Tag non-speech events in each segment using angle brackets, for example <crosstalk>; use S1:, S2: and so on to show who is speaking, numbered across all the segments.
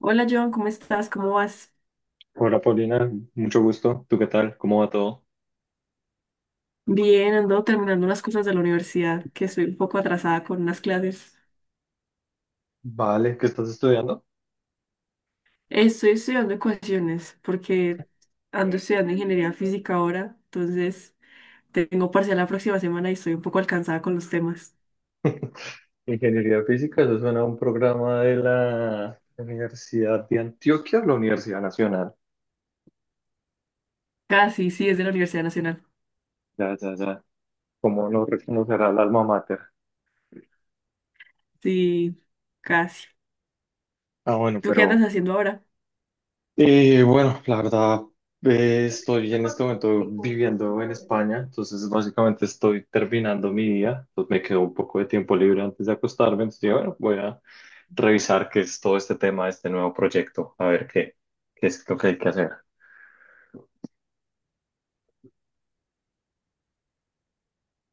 S1: Hola Joan, ¿cómo estás? ¿Cómo vas?
S2: Hola Paulina, mucho gusto. ¿Tú qué tal? ¿Cómo va todo?
S1: Bien, ando terminando unas cosas de la universidad, que estoy un poco atrasada con unas clases.
S2: Vale, ¿qué estás estudiando?
S1: Estoy estudiando ecuaciones porque ando estudiando ingeniería física ahora, entonces tengo parcial la próxima semana y estoy un poco alcanzada con los temas.
S2: <laughs> Ingeniería física, eso suena a un programa de la Universidad de Antioquia, la Universidad Nacional.
S1: Casi, sí, es de la Universidad Nacional.
S2: Ya, ya, ya. ¿Cómo no reconocerá el alma mater?
S1: Sí, casi.
S2: Ah, bueno,
S1: ¿Tú qué andas
S2: pero.
S1: haciendo ahora?
S2: Y bueno, la verdad, estoy en este momento viviendo en España, entonces básicamente estoy terminando mi día, entonces me quedó un poco de tiempo libre antes de acostarme, entonces dije, bueno, voy a revisar qué es todo este tema, este nuevo proyecto, a ver qué es lo que hay que hacer.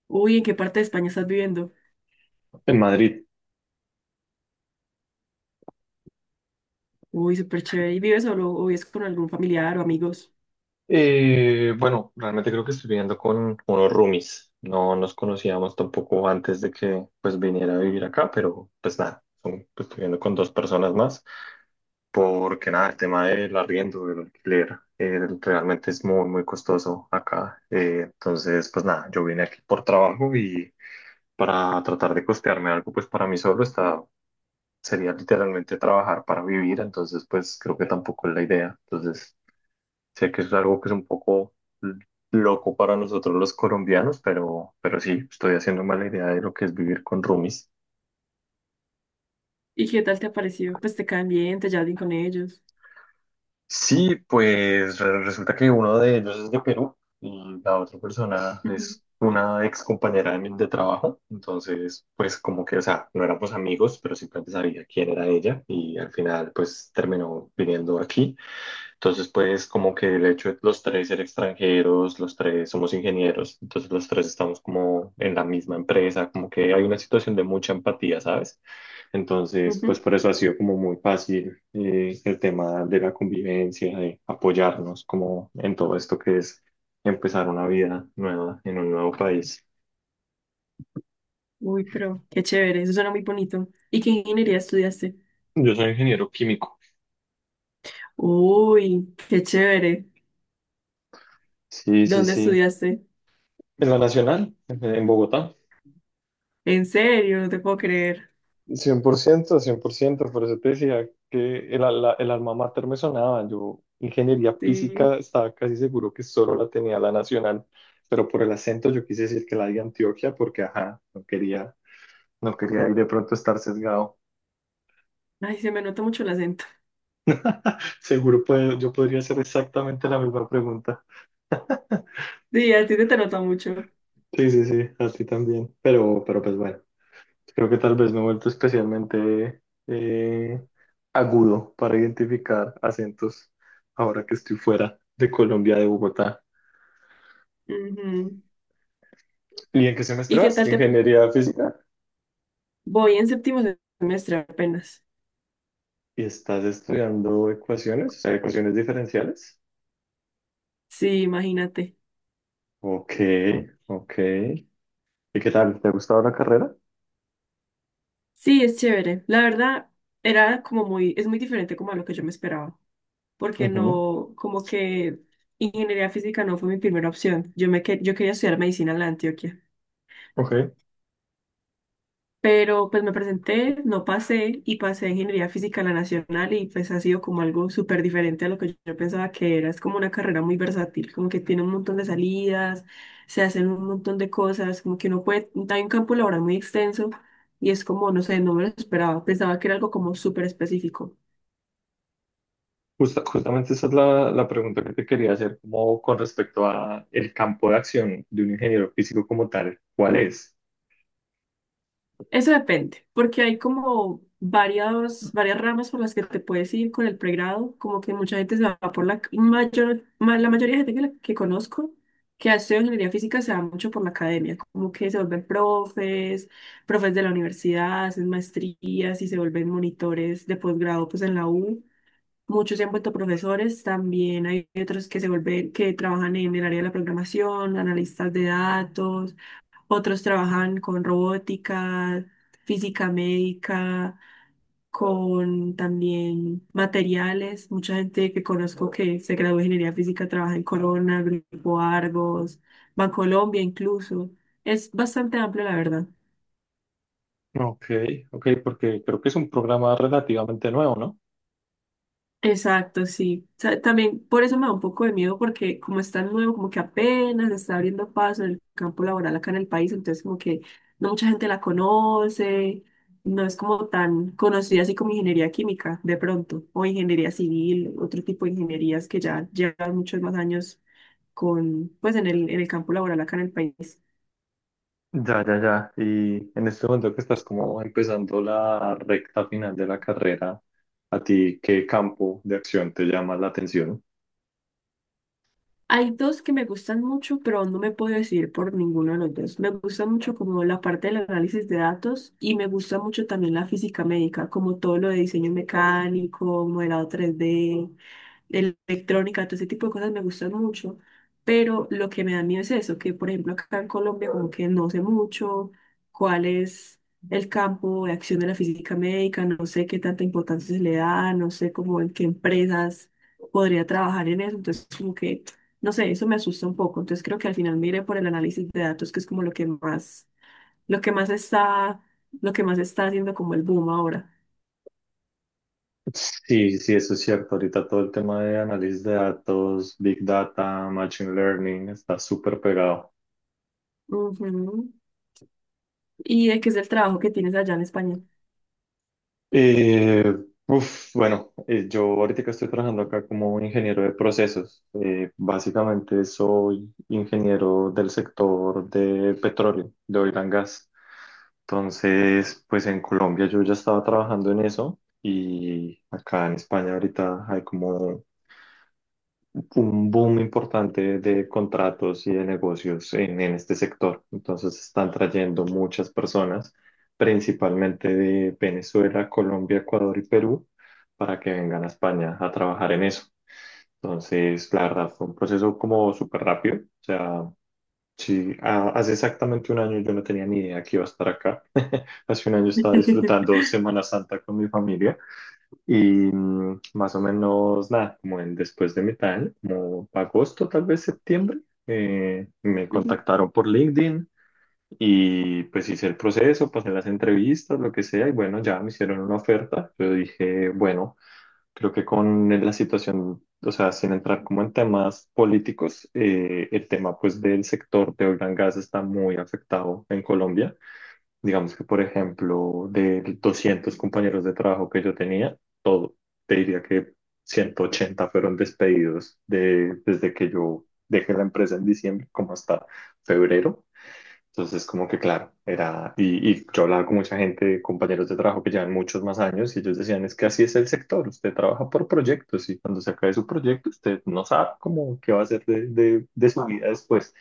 S1: Uy, ¿en qué parte de España estás viviendo?
S2: En Madrid.
S1: Uy, súper chévere. ¿Y vives solo o vives con algún familiar o amigos?
S2: Bueno, realmente creo que estoy viviendo con unos roomies. No nos conocíamos tampoco antes de que pues viniera a vivir acá, pero pues nada, pues, estoy viviendo con dos personas más, porque nada, el tema del arriendo, del alquiler, realmente es muy, muy costoso acá. Entonces, pues nada, yo vine aquí por trabajo y para tratar de costearme algo, pues para mí solo está, sería literalmente trabajar para vivir, entonces pues creo que tampoco es la idea. Entonces. Sé que es algo que es un poco l- loco para nosotros los colombianos, pero, sí, estoy haciendo mala idea de lo que es vivir con roomies.
S1: ¿Y qué tal te ha parecido? Pues te caen bien, te llevas bien con ellos.
S2: Sí, pues resulta que uno de ellos es de Perú y la otra persona
S1: Ujú,
S2: es una ex compañera de trabajo. Entonces, pues como que, o sea, no éramos amigos, pero simplemente sabía quién era ella y al final, pues terminó viniendo aquí. Entonces, pues como que el hecho de los tres ser extranjeros, los tres somos ingenieros, entonces los tres estamos como en la misma empresa, como que hay una situación de mucha empatía, ¿sabes? Entonces, pues
S1: ujú.
S2: por eso ha sido como muy fácil el tema de la convivencia, de apoyarnos como en todo esto que es empezar una vida nueva en un nuevo país.
S1: Uy, pero qué chévere, eso suena muy bonito. ¿Y qué ingeniería estudiaste?
S2: Yo soy ingeniero químico.
S1: Uy, qué chévere.
S2: Sí, sí,
S1: ¿Dónde
S2: sí.
S1: estudiaste?
S2: En la Nacional, en Bogotá.
S1: En serio, no te puedo creer.
S2: Cien por ciento 100% por eso te decía que el alma mater me sonaba. Yo, ingeniería
S1: Sí.
S2: física, estaba casi seguro que solo la tenía la nacional, pero por el acento yo quise decir que la de Antioquia porque, ajá, no quería ir de pronto estar sesgado.
S1: Ay, se me nota mucho el acento.
S2: Seguro puedo, yo podría hacer exactamente la misma pregunta.
S1: Sí, a ti se te nota mucho.
S2: Sí, sí, sí, a ti también, pero, pues bueno. Creo que tal vez me he vuelto especialmente eh, agudo para identificar acentos ahora que estoy fuera de Colombia, de Bogotá.
S1: Ujú.
S2: ¿Y en qué
S1: ¿Y
S2: semestre
S1: qué
S2: vas?
S1: tal
S2: ¿De
S1: te...
S2: ¿Ingeniería física?
S1: Voy en séptimo semestre apenas.
S2: ¿Y estás estudiando ecuaciones, o sea, ecuaciones diferenciales?
S1: Sí, imagínate.
S2: Ok, ok. ¿Y qué tal? ¿Te ha gustado la carrera?
S1: Sí, es chévere. La verdad, era como es muy diferente como a lo que yo me esperaba, porque
S2: Ujú.
S1: no, como que ingeniería física no fue mi primera opción. Yo quería estudiar medicina en la de Antioquia,
S2: Ok.
S1: pero pues me presenté, no pasé y pasé ingeniería física en la Nacional y pues ha sido como algo súper diferente a lo que yo pensaba que era. Es como una carrera muy versátil, como que tiene un montón de salidas, se hacen un montón de cosas, como que uno puede, hay un campo laboral muy extenso. Y es como, no sé, no me lo esperaba. Pensaba que era algo como súper específico.
S2: Justamente esa es la pregunta que te quería hacer, como con respecto a el campo de acción de un ingeniero físico como tal. ¿Cuál es?
S1: Eso depende, porque hay como varias ramas por las que te puedes ir con el pregrado, como que mucha gente se va por la mayor, la mayoría de gente que conozco que ha estudiado ingeniería física se va mucho por la academia, como que se vuelven profes, profes de la universidad, hacen maestrías y se vuelven monitores de posgrado pues en la U. Muchos se han vuelto profesores, también hay otros que se vuelven, que trabajan en el área de la programación, analistas de datos, otros trabajan con robótica, física médica, con también materiales. Mucha gente que conozco que se graduó de ingeniería física trabaja en Corona, Grupo Argos, Bancolombia incluso. Es bastante amplio, la verdad.
S2: Ok, ok, porque creo que es un programa relativamente nuevo, ¿no?
S1: Exacto, sí. O sea, también por eso me da un poco de miedo porque como es tan nuevo, como que apenas está abriendo paso en el campo laboral acá en el país, entonces como que no mucha gente la conoce, no es como tan conocida así como ingeniería química de pronto, o ingeniería civil, otro tipo de ingenierías que ya llevan muchos más años pues en el campo laboral acá en el país.
S2: Ya, ya, ya. Y en este momento que estás como empezando la recta final de la carrera, ¿a ti qué campo de acción te llama la atención?
S1: Hay dos que me gustan mucho, pero no me puedo decidir por ninguno de los dos. Me gusta mucho como la parte del análisis de datos y me gusta mucho también la física médica, como todo lo de diseño mecánico, modelado 3D de electrónica, todo ese tipo de cosas me gustan mucho, pero lo que me da miedo es eso, que por ejemplo acá en Colombia como que no sé mucho cuál es el campo de acción de la física médica, no sé qué tanta importancia se le da, no sé cómo en qué empresas podría trabajar en eso, entonces como que, no sé, eso me asusta un poco, entonces creo que al final mire por el análisis de datos, que es como lo que más está, lo que más está haciendo como el boom ahora.
S2: Sí, sí, eso es cierto. Ahorita todo el tema de análisis de datos, big data, machine learning está súper pegado.
S1: Ujú. ¿Y de qué es el trabajo que tienes allá en España?
S2: Eh, uf, bueno, yo ahorita que estoy trabajando acá como ingeniero de procesos, básicamente soy ingeniero del sector de petróleo, de oil and gas. Entonces, pues en Colombia yo ya estaba trabajando en eso y acá en España ahorita hay como un boom importante de contratos y de negocios en este sector. Entonces están trayendo muchas personas, principalmente de Venezuela, Colombia, Ecuador y Perú, para que vengan a España a trabajar en eso. Entonces, la verdad, fue un proceso como súper rápido. O sea, sí, hace exactamente un año yo no tenía ni idea que iba a estar acá. <laughs> Hace un año estaba
S1: <laughs>
S2: disfrutando Semana Santa con mi familia. Y más o menos, nada, como en después de mitad de año, como agosto, tal vez septiembre, me
S1: Ujú,
S2: contactaron por LinkedIn y pues hice el proceso, pasé las entrevistas, lo que sea, y bueno, ya me hicieron una oferta. Yo dije, bueno, creo que con la situación, o sea, sin entrar como en temas políticos, el tema pues del sector de oil and gas está muy afectado en Colombia. Digamos que, por ejemplo, de 200 compañeros de trabajo que yo tenía, te diría que 180 fueron despedidos desde que yo dejé la empresa en diciembre, como hasta febrero. Entonces, como que claro, era, y yo hablaba con mucha gente, compañeros de trabajo que llevan muchos más años, y ellos decían, es que así es el sector, usted trabaja por proyectos, y cuando se acabe su proyecto, usted no sabe cómo, qué va a hacer de su vida después.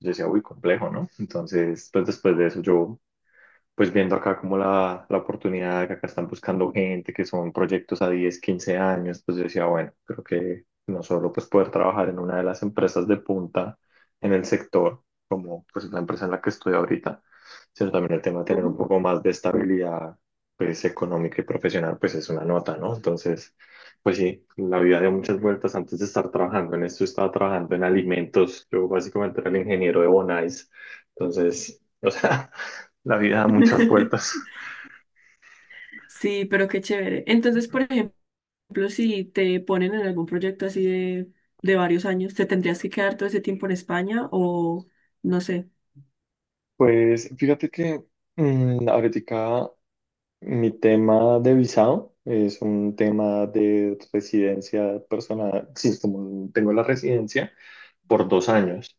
S2: Yo decía, uy, complejo, ¿no? Entonces, pues después de eso yo pues viendo acá como la oportunidad que acá están buscando gente, que son proyectos a 10 15 años, pues yo decía, bueno, creo que no solo pues poder trabajar en una de las empresas de punta en el sector, como pues la empresa en la que estoy ahorita, sino también el tema de tener un
S1: ujú.
S2: poco más de estabilidad pues económica y profesional, pues es una nota, ¿no? Entonces, pues sí, la vida dio muchas vueltas antes de estar trabajando en esto, estaba trabajando en alimentos, yo básicamente era el ingeniero de Bonais, entonces, <laughs> o sea. La vida da muchas vueltas.
S1: <laughs> Sí, pero qué chévere. Entonces, por ejemplo, si te ponen en algún proyecto así de varios años, ¿te tendrías que quedar todo ese tiempo en España o no sé?
S2: Pues fíjate que ahorita mi tema de visado es un tema de residencia personal. Sí, como tengo la residencia por 2 años,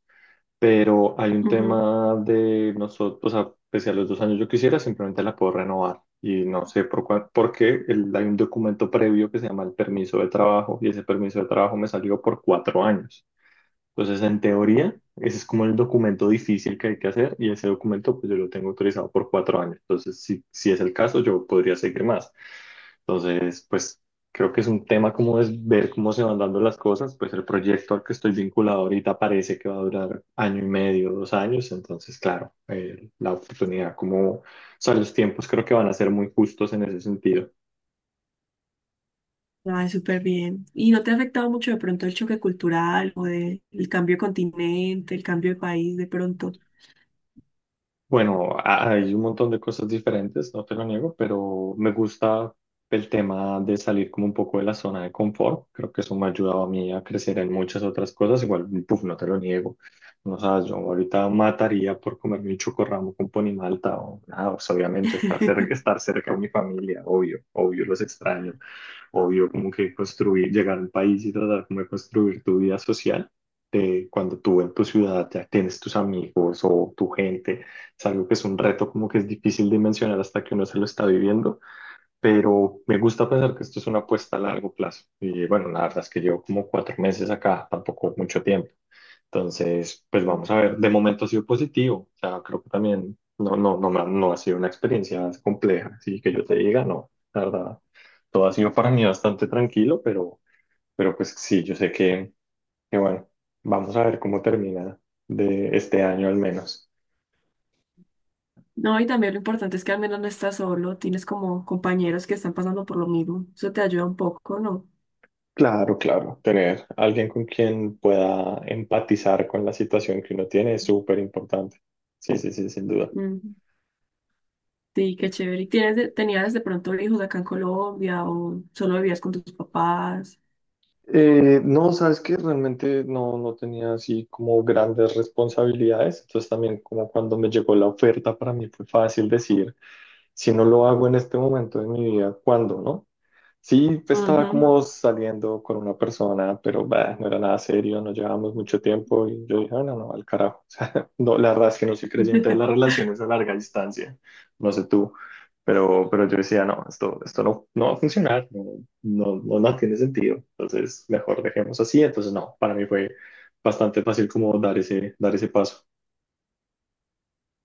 S2: pero hay un
S1: Ujú.
S2: tema de nosotros, o sea, pese a los 2 años yo quisiera, simplemente la puedo renovar. Y no sé porque hay un documento previo que se llama el permiso de trabajo y ese permiso de trabajo me salió por 4 años. Entonces, en teoría, ese es como el documento difícil que hay que hacer y ese documento pues yo lo tengo autorizado por 4 años. Entonces, si es el caso, yo podría seguir más. Entonces, pues creo que es un tema como es ver cómo se van dando las cosas. Pues el proyecto al que estoy vinculado ahorita parece que va a durar año y medio, 2 años. Entonces, claro, la oportunidad como, o sea, los tiempos creo que van a ser muy justos en ese sentido.
S1: Ay, súper bien. ¿Y no te ha afectado mucho de pronto el choque cultural el cambio de continente, el cambio de país de pronto?
S2: Bueno, hay un montón de cosas diferentes, no te lo niego, pero me gusta el tema de salir como un poco de la zona de confort. Creo que eso me ha ayudado a mí a crecer en muchas otras cosas. Igual, puf, no te lo niego. No sabes, yo ahorita mataría por comerme un chocorramo con ponimalta o nada, pues, obviamente estar
S1: <laughs>
S2: cerca de mi familia, obvio, obvio los extraño, obvio como que construir, llegar al país y tratar como de construir tu vida social. De cuando tú en tu ciudad ya tienes tus amigos o tu gente es algo que es un reto como que es difícil de mencionar hasta que uno se lo está viviendo, pero me gusta pensar que esto es una apuesta a largo plazo. Y bueno, la verdad es que llevo como 4 meses acá, tampoco mucho tiempo. Entonces, pues vamos
S1: Ujú.
S2: a ver, de momento ha sido positivo, o sea, creo que también no, no, no, no ha sido una experiencia compleja, así que yo te diga, no, la verdad, todo ha sido para mí bastante tranquilo, pero, pues sí, yo sé que bueno, vamos a ver cómo termina de este año al menos.
S1: No, y también lo importante es que al menos no estás solo, tienes como compañeros que están pasando por lo mismo. Eso te ayuda un poco,
S2: Claro, claro. Tener alguien con quien pueda empatizar con la situación que uno tiene es súper importante. Sí, sí, sí, sin duda.
S1: ¿no? Sí, qué chévere. ¿Y tienes tenías de pronto hijos acá en Colombia o solo vivías con tus papás?
S2: No, sabes que realmente no, no tenía así como grandes responsabilidades. Entonces también como cuando me llegó la oferta para mí fue fácil decir, si no lo hago en este momento de mi vida, ¿cuándo, no? Sí, pues, estaba
S1: Ujú.
S2: como saliendo con una persona, pero bah, no era nada serio, no llevábamos mucho tiempo y yo dije, "Ah, no, no, al carajo." <laughs> O sea, no, la verdad es que no soy creyente de las
S1: <laughs>
S2: relaciones a larga distancia, no sé tú, pero, yo decía, no, esto no, no va a funcionar, no, no, no, no tiene sentido, entonces mejor dejemos así. Entonces, no, para mí fue bastante fácil como dar ese paso.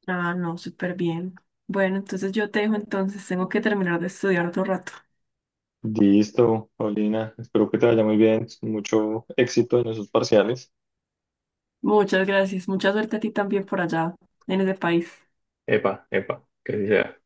S1: Ah, no, súper bien. Bueno, entonces yo te dejo entonces, tengo que terminar de estudiar otro rato.
S2: Listo, Paulina, espero que te vaya muy bien, mucho éxito en esos parciales.
S1: Muchas gracias, mucha suerte a ti también por allá, en ese país.
S2: Epa, epa, que así sea.